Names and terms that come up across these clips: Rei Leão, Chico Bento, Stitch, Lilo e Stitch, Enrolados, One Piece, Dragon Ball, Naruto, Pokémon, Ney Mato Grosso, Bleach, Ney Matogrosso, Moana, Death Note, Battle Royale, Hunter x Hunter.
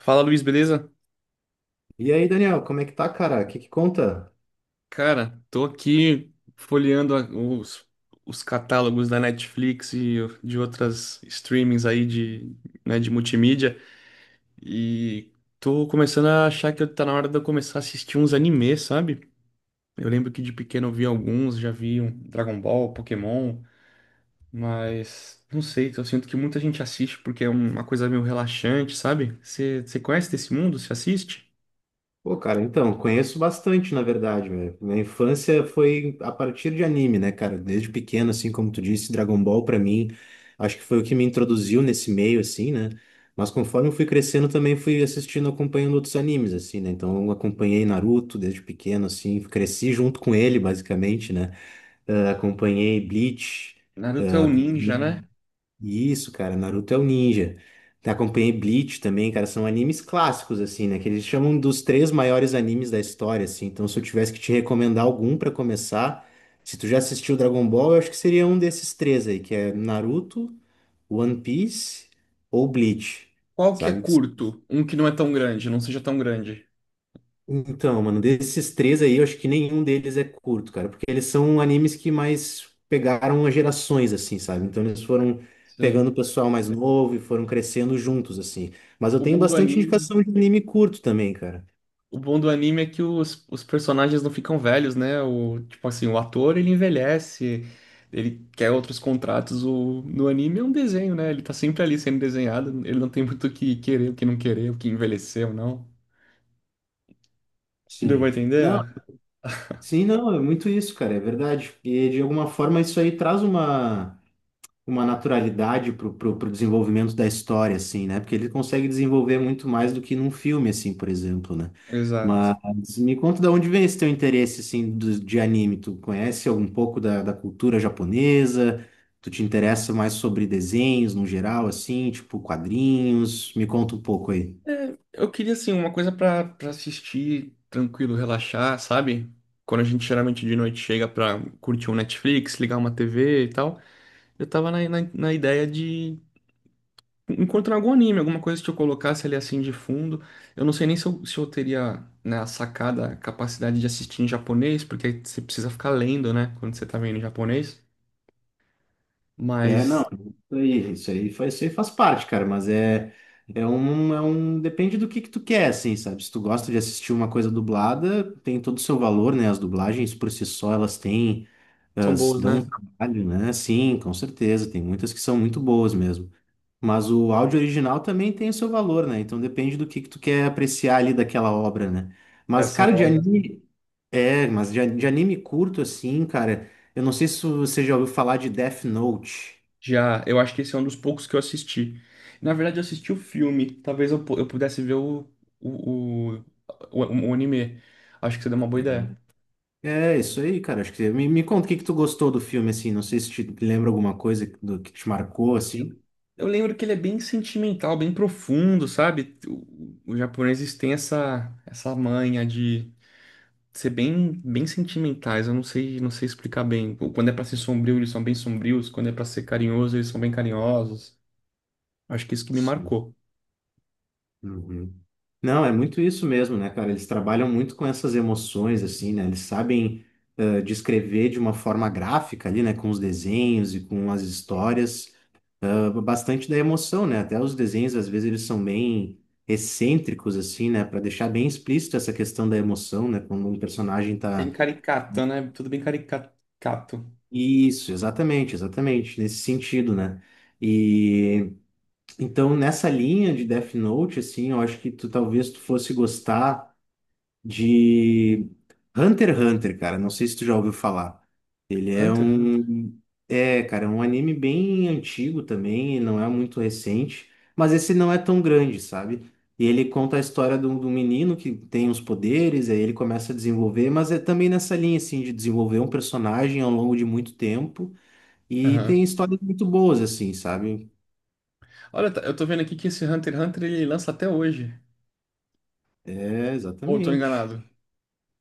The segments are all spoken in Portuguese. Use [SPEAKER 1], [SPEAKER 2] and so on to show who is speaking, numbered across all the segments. [SPEAKER 1] Fala, Luiz, beleza?
[SPEAKER 2] E aí, Daniel, como é que tá, cara? O que que conta?
[SPEAKER 1] Cara, tô aqui folheando os catálogos da Netflix e de outras streamings aí de, né, de multimídia e tô começando a achar que tá na hora de eu começar a assistir uns animes, sabe? Eu lembro que de pequeno eu vi alguns, já vi um Dragon Ball, Pokémon, mas não sei, eu sinto que muita gente assiste porque é uma coisa meio relaxante, sabe? Você conhece desse mundo? Você assiste?
[SPEAKER 2] Pô, cara, então, conheço bastante, na verdade, meu. Minha infância foi a partir de anime, né, cara? Desde pequeno, assim, como tu disse, Dragon Ball pra mim, acho que foi o que me introduziu nesse meio, assim, né? Mas conforme eu fui crescendo, também fui assistindo, acompanhando outros animes, assim, né? Então, eu acompanhei Naruto desde pequeno, assim, cresci junto com ele, basicamente, né? Ah, acompanhei Bleach.
[SPEAKER 1] Naruto é o ninja, né?
[SPEAKER 2] Isso, cara, Naruto é o ninja. Acompanhei Bleach também, cara, são animes clássicos, assim, né? Que eles chamam dos três maiores animes da história, assim. Então, se eu tivesse que te recomendar algum pra começar, se tu já assistiu Dragon Ball, eu acho que seria um desses três aí, que é Naruto, One Piece ou Bleach,
[SPEAKER 1] Qual que é
[SPEAKER 2] sabe? Que
[SPEAKER 1] curto? Um que não é tão grande, não seja tão grande.
[SPEAKER 2] então, mano, desses três aí, eu acho que nenhum deles é curto, cara, porque eles são animes que mais pegaram as gerações, assim, sabe? Então eles foram pegando
[SPEAKER 1] Sei.
[SPEAKER 2] o pessoal mais novo e foram crescendo juntos, assim. Mas eu
[SPEAKER 1] O
[SPEAKER 2] tenho
[SPEAKER 1] bom do
[SPEAKER 2] bastante
[SPEAKER 1] anime,
[SPEAKER 2] indicação de anime curto também, cara.
[SPEAKER 1] o bom do anime é que os personagens não ficam velhos, né? O, tipo assim, o ator ele envelhece, ele quer outros contratos. O, no anime é um desenho, né? Ele tá sempre ali sendo desenhado, ele não tem muito o que querer, o que não querer, o que envelheceu, não. Deu pra
[SPEAKER 2] Sim. Não,
[SPEAKER 1] entender?
[SPEAKER 2] sim, não, é muito isso, cara, é verdade. E de alguma forma isso aí traz uma. Uma naturalidade pro desenvolvimento da história, assim, né? Porque ele consegue desenvolver muito mais do que num filme, assim, por exemplo, né?
[SPEAKER 1] Exato.
[SPEAKER 2] Mas me conta de onde vem esse teu interesse, assim, do, de anime. Tu conhece algum pouco da, da cultura japonesa? Tu te interessa mais sobre desenhos no geral, assim, tipo quadrinhos? Me conta um pouco aí.
[SPEAKER 1] Eu queria, assim, uma coisa pra assistir tranquilo, relaxar, sabe? Quando a gente geralmente de noite chega pra curtir um Netflix, ligar uma TV e tal, eu tava na ideia de encontrar algum anime, alguma coisa que eu colocasse ali assim de fundo. Eu não sei nem se eu teria, né, a sacada, a capacidade de assistir em japonês, porque aí você precisa ficar lendo, né, quando você tá vendo em japonês,
[SPEAKER 2] É, não,
[SPEAKER 1] mas
[SPEAKER 2] isso aí faz parte, cara, mas é, é um, depende do que tu quer, assim, sabe? Se tu gosta de assistir uma coisa dublada, tem todo o seu valor, né? As dublagens por si só, elas têm,
[SPEAKER 1] são
[SPEAKER 2] elas
[SPEAKER 1] boas,
[SPEAKER 2] dão
[SPEAKER 1] né?
[SPEAKER 2] um trabalho, né? Sim, com certeza, tem muitas que são muito boas mesmo. Mas o áudio original também tem o seu valor, né? Então depende do que tu quer apreciar ali daquela obra, né?
[SPEAKER 1] É,
[SPEAKER 2] Mas,
[SPEAKER 1] são
[SPEAKER 2] cara, de
[SPEAKER 1] obras.
[SPEAKER 2] anime, é, mas de anime curto, assim, cara, eu não sei se você já ouviu falar de Death Note.
[SPEAKER 1] Já, eu acho que esse é um dos poucos que eu assisti. Na verdade, eu assisti o filme. Talvez eu, eu pudesse ver o, o, o anime. Acho que você deu uma boa ideia.
[SPEAKER 2] É isso aí, cara. Acho que me conta o que que tu gostou do filme, assim. Não sei se te lembra alguma coisa que- do que te marcou, assim.
[SPEAKER 1] Eu lembro que ele é bem sentimental, bem profundo, sabe? Os japoneses têm essa manha de ser bem, bem sentimentais. Eu não sei, não sei explicar bem. Quando é pra ser sombrio, eles são bem sombrios. Quando é pra ser carinhoso, eles são bem carinhosos. Acho que isso que me
[SPEAKER 2] Sim.
[SPEAKER 1] marcou.
[SPEAKER 2] Uhum. Não, é muito isso mesmo, né, cara? Eles trabalham muito com essas emoções, assim, né? Eles sabem descrever de uma forma gráfica ali, né? Com os desenhos e com as histórias, bastante da emoção, né? Até os desenhos, às vezes, eles são bem excêntricos, assim, né? Para deixar bem explícito essa questão da emoção, né? Quando um personagem tá
[SPEAKER 1] Bem caricato, né? Tudo bem caricato.
[SPEAKER 2] isso, exatamente, exatamente, nesse sentido, né? E então nessa linha de Death Note, assim, eu acho que tu talvez tu fosse gostar de Hunter x Hunter, cara. Não sei se tu já ouviu falar. Ele é
[SPEAKER 1] Hunter x Hunter.
[SPEAKER 2] um, é, cara, é um anime bem antigo também, não é muito recente, mas esse não é tão grande, sabe? E ele conta a história de um menino que tem os poderes, aí ele começa a desenvolver, mas é também nessa linha, assim, de desenvolver um personagem ao longo de muito tempo e tem
[SPEAKER 1] Aham.
[SPEAKER 2] histórias muito boas, assim, sabe?
[SPEAKER 1] Olha, eu tô vendo aqui que esse Hunter x Hunter ele lança até hoje.
[SPEAKER 2] É,
[SPEAKER 1] Ou eu tô
[SPEAKER 2] exatamente.
[SPEAKER 1] enganado?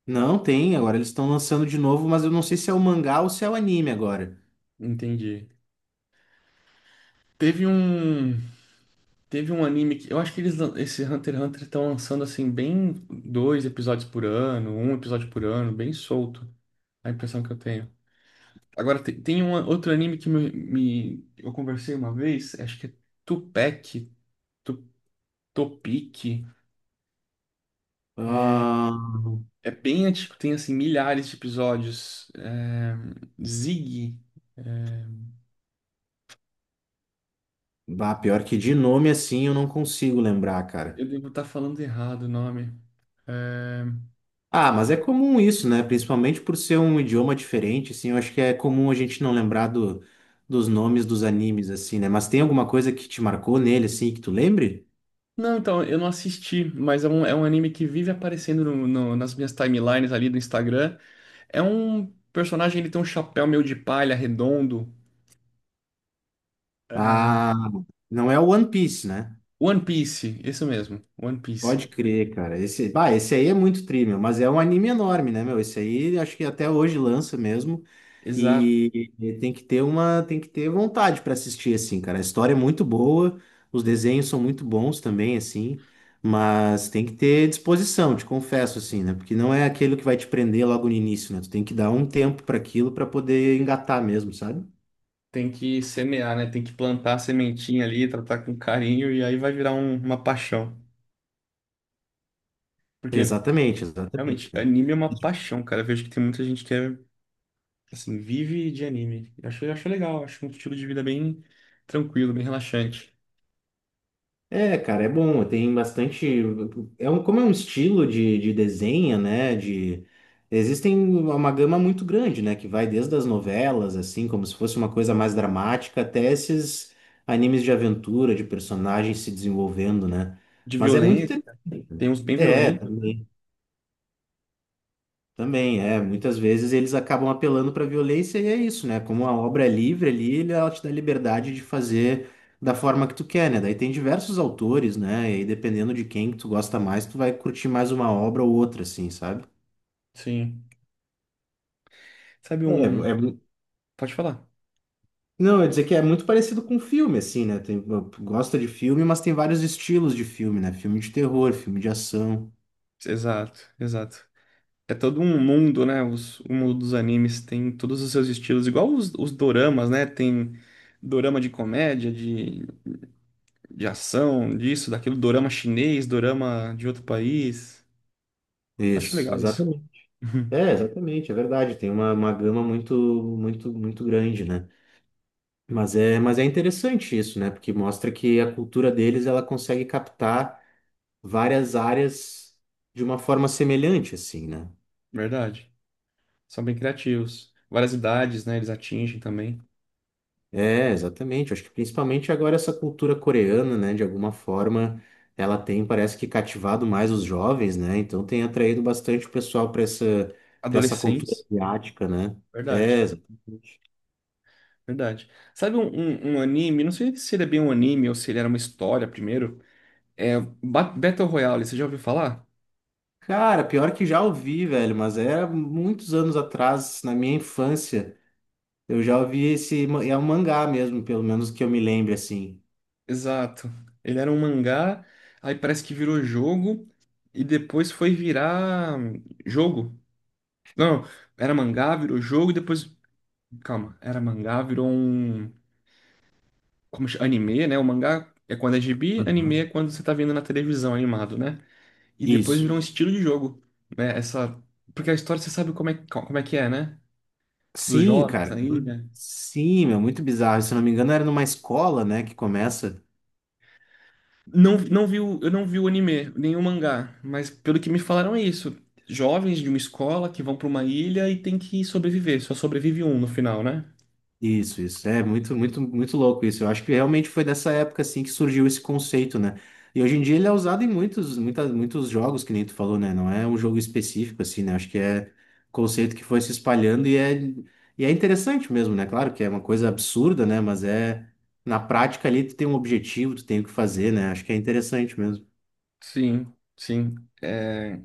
[SPEAKER 2] Não, tem. Agora eles estão lançando de novo, mas eu não sei se é o mangá ou se é o anime agora.
[SPEAKER 1] Entendi. Teve um, teve um anime que eu acho que esse Hunter x Hunter estão lançando assim bem dois episódios por ano, um episódio por ano, bem solto. A impressão que eu tenho. Agora tem, um outro anime que eu conversei uma vez, acho que é Tupac, Tu- Topic.
[SPEAKER 2] Ah,
[SPEAKER 1] É bem antigo, tem assim milhares de episódios. É, Zig,
[SPEAKER 2] bah, pior que de nome assim eu não consigo lembrar, cara.
[SPEAKER 1] eu devo estar falando errado o nome. É,
[SPEAKER 2] Ah, mas é comum isso, né? Principalmente por ser um idioma diferente, assim, eu acho que é comum a gente não lembrar do, dos nomes dos animes, assim, né? Mas tem alguma coisa que te marcou nele, assim, que tu lembre?
[SPEAKER 1] não, então, eu não assisti, mas é um anime que vive aparecendo nas minhas timelines ali do Instagram. É um personagem, ele tem um chapéu meio de palha, redondo. É,
[SPEAKER 2] Ah, não é o One Piece, né?
[SPEAKER 1] One Piece, isso mesmo, One Piece.
[SPEAKER 2] Pode crer, cara. Esse, bah, esse aí é muito tri, meu, mas é um anime enorme, né, meu? Esse aí acho que até hoje lança mesmo.
[SPEAKER 1] Exato.
[SPEAKER 2] E tem que ter uma, tem que ter vontade para assistir assim, cara. A história é muito boa, os desenhos são muito bons também assim, mas tem que ter disposição, te confesso assim, né? Porque não é aquilo que vai te prender logo no início, né? Tu tem que dar um tempo para aquilo para poder engatar mesmo, sabe?
[SPEAKER 1] Tem que semear, né? Tem que plantar a sementinha ali, tratar com carinho, e aí vai virar uma paixão. Porque,
[SPEAKER 2] Exatamente, exatamente,
[SPEAKER 1] realmente,
[SPEAKER 2] cara.
[SPEAKER 1] anime é uma paixão, cara. Eu vejo que tem muita gente que é, assim, vive de anime. Eu acho legal, acho um estilo de vida bem tranquilo, bem relaxante.
[SPEAKER 2] É, cara, é bom. Tem bastante. É um, como é um estilo de desenho, né? De existem uma gama muito grande, né? Que vai desde as novelas, assim, como se fosse uma coisa mais dramática, até esses animes de aventura, de personagens se desenvolvendo, né?
[SPEAKER 1] De
[SPEAKER 2] Mas é muito interessante.
[SPEAKER 1] violência. Tem uns bem
[SPEAKER 2] É,
[SPEAKER 1] violentos. Né?
[SPEAKER 2] também. Também, é. Muitas vezes eles acabam apelando para violência e é isso, né? Como a obra é livre ali, ele- ela te dá liberdade de fazer da forma que tu quer, né? Daí tem diversos autores, né? E aí, dependendo de quem que tu gosta mais, tu vai curtir mais uma obra ou outra, assim, sabe?
[SPEAKER 1] Sim. Sabe
[SPEAKER 2] É,
[SPEAKER 1] um.
[SPEAKER 2] é, mu-
[SPEAKER 1] Pode falar.
[SPEAKER 2] não, eu ia dizer que é muito parecido com filme, assim, né? Tem, gosta de filme, mas tem vários estilos de filme, né? Filme de terror, filme de ação.
[SPEAKER 1] Exato, exato. É todo um mundo, né? Os, o mundo dos animes tem todos os seus estilos, igual os doramas, né? Tem dorama de comédia, de ação, disso, daquilo, dorama chinês, dorama de outro país. Acho
[SPEAKER 2] Isso,
[SPEAKER 1] legal isso.
[SPEAKER 2] exatamente. É, exatamente, é verdade. Tem uma gama muito, muito, muito grande, né? Mas é interessante isso, né? Porque mostra que a cultura deles ela consegue captar várias áreas de uma forma semelhante, assim, né?
[SPEAKER 1] Verdade. São bem criativos. Várias idades, né? Eles atingem também.
[SPEAKER 2] É, exatamente. Acho que principalmente agora essa cultura coreana, né? De alguma forma, ela tem, parece que cativado mais os jovens, né? Então tem atraído bastante o pessoal para essa cultura
[SPEAKER 1] Adolescentes.
[SPEAKER 2] asiática, né? É,
[SPEAKER 1] Verdade.
[SPEAKER 2] exatamente.
[SPEAKER 1] Verdade. Sabe um anime? Não sei se ele é bem um anime ou se ele era uma história primeiro. É Battle Royale, você já ouviu falar?
[SPEAKER 2] Cara, pior que já ouvi, velho, mas era muitos anos atrás, na minha infância. Eu já ouvi esse. Ma- é um mangá mesmo, pelo menos que eu me lembre, assim.
[SPEAKER 1] Exato. Ele era um mangá, aí parece que virou jogo e depois foi virar jogo. Não, era mangá, virou jogo e depois. Calma, era mangá, virou um. Como chama? Anime, né? O mangá é quando é gibi, anime é
[SPEAKER 2] Aham.
[SPEAKER 1] quando você tá vendo na televisão animado, né? E depois
[SPEAKER 2] Isso.
[SPEAKER 1] virou um estilo de jogo, né? Essa. Porque a história você sabe como é que é, né? Dos
[SPEAKER 2] Sim,
[SPEAKER 1] jovens
[SPEAKER 2] cara.
[SPEAKER 1] na ilha.
[SPEAKER 2] Sim, meu, muito bizarro. Se eu não me engano, era numa escola, né, que começa.
[SPEAKER 1] Não, eu não vi o anime, nem o mangá, mas pelo que me falaram é isso. Jovens de uma escola que vão para uma ilha e tem que sobreviver, só sobrevive um no final, né?
[SPEAKER 2] Isso, isso. É muito, muito, muito louco isso. Eu acho que realmente foi dessa época assim que surgiu esse conceito, né? E hoje em dia ele é usado em muitos, muita, muitos jogos, que nem tu falou, né? Não é um jogo específico, assim, né? Acho que é conceito que foi se espalhando e é interessante mesmo, né? Claro que é uma coisa absurda, né? Mas é na prática ali tu tem um objetivo, tu tem o que fazer, né? Acho que é interessante mesmo.
[SPEAKER 1] Sim, sim. É,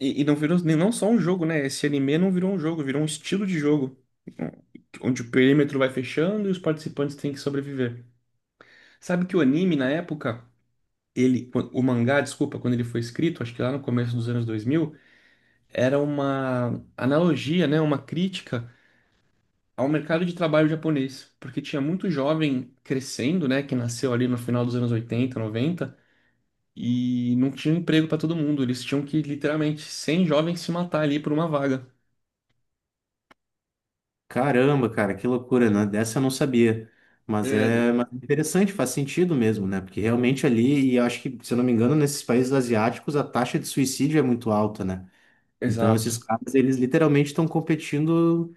[SPEAKER 1] e não virou não só um jogo, né? Esse anime não virou um jogo, virou um estilo de jogo. Onde o perímetro vai fechando e os participantes têm que sobreviver. Sabe que o anime, na época, ele, o mangá, desculpa, quando ele foi escrito, acho que lá no começo dos anos 2000 era uma analogia, né, uma crítica ao mercado de trabalho japonês, porque tinha muito jovem crescendo, né, que nasceu ali no final dos anos 80, 90 e não tinha emprego para todo mundo, eles tinham que literalmente 100 jovens se matar ali por uma vaga.
[SPEAKER 2] Caramba, cara, que loucura, né? Dessa eu não sabia.
[SPEAKER 1] É,
[SPEAKER 2] Mas é interessante, faz sentido mesmo, né? Porque realmente ali, e eu acho que, se eu não me engano, nesses países asiáticos a taxa de suicídio é muito alta, né? Então esses
[SPEAKER 1] exato,
[SPEAKER 2] caras, eles literalmente estão competindo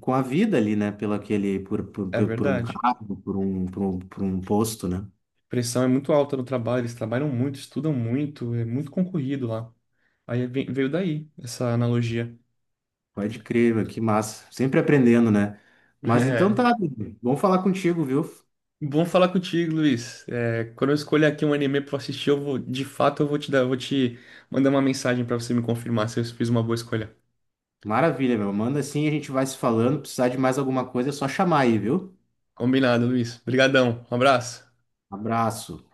[SPEAKER 2] com a vida ali, né? Pelo aquele, por, por,
[SPEAKER 1] é
[SPEAKER 2] por por um
[SPEAKER 1] verdade.
[SPEAKER 2] cargo, por um posto, né?
[SPEAKER 1] A pressão é muito alta no trabalho, eles trabalham muito, estudam muito, é muito concorrido lá. Veio daí essa analogia.
[SPEAKER 2] Pode crer, meu, que massa. Sempre aprendendo, né? Mas então tá, bom falar contigo, viu?
[SPEAKER 1] Bom falar contigo, Luiz. É, quando eu escolher aqui um anime pra assistir, eu vou, de fato, eu vou te mandar uma mensagem pra você me confirmar se eu fiz uma boa escolha.
[SPEAKER 2] Maravilha, meu. Manda assim, a gente vai se falando. Precisar de mais alguma coisa, é só chamar aí, viu?
[SPEAKER 1] Combinado, Luiz. Obrigadão. Um abraço.
[SPEAKER 2] Abraço.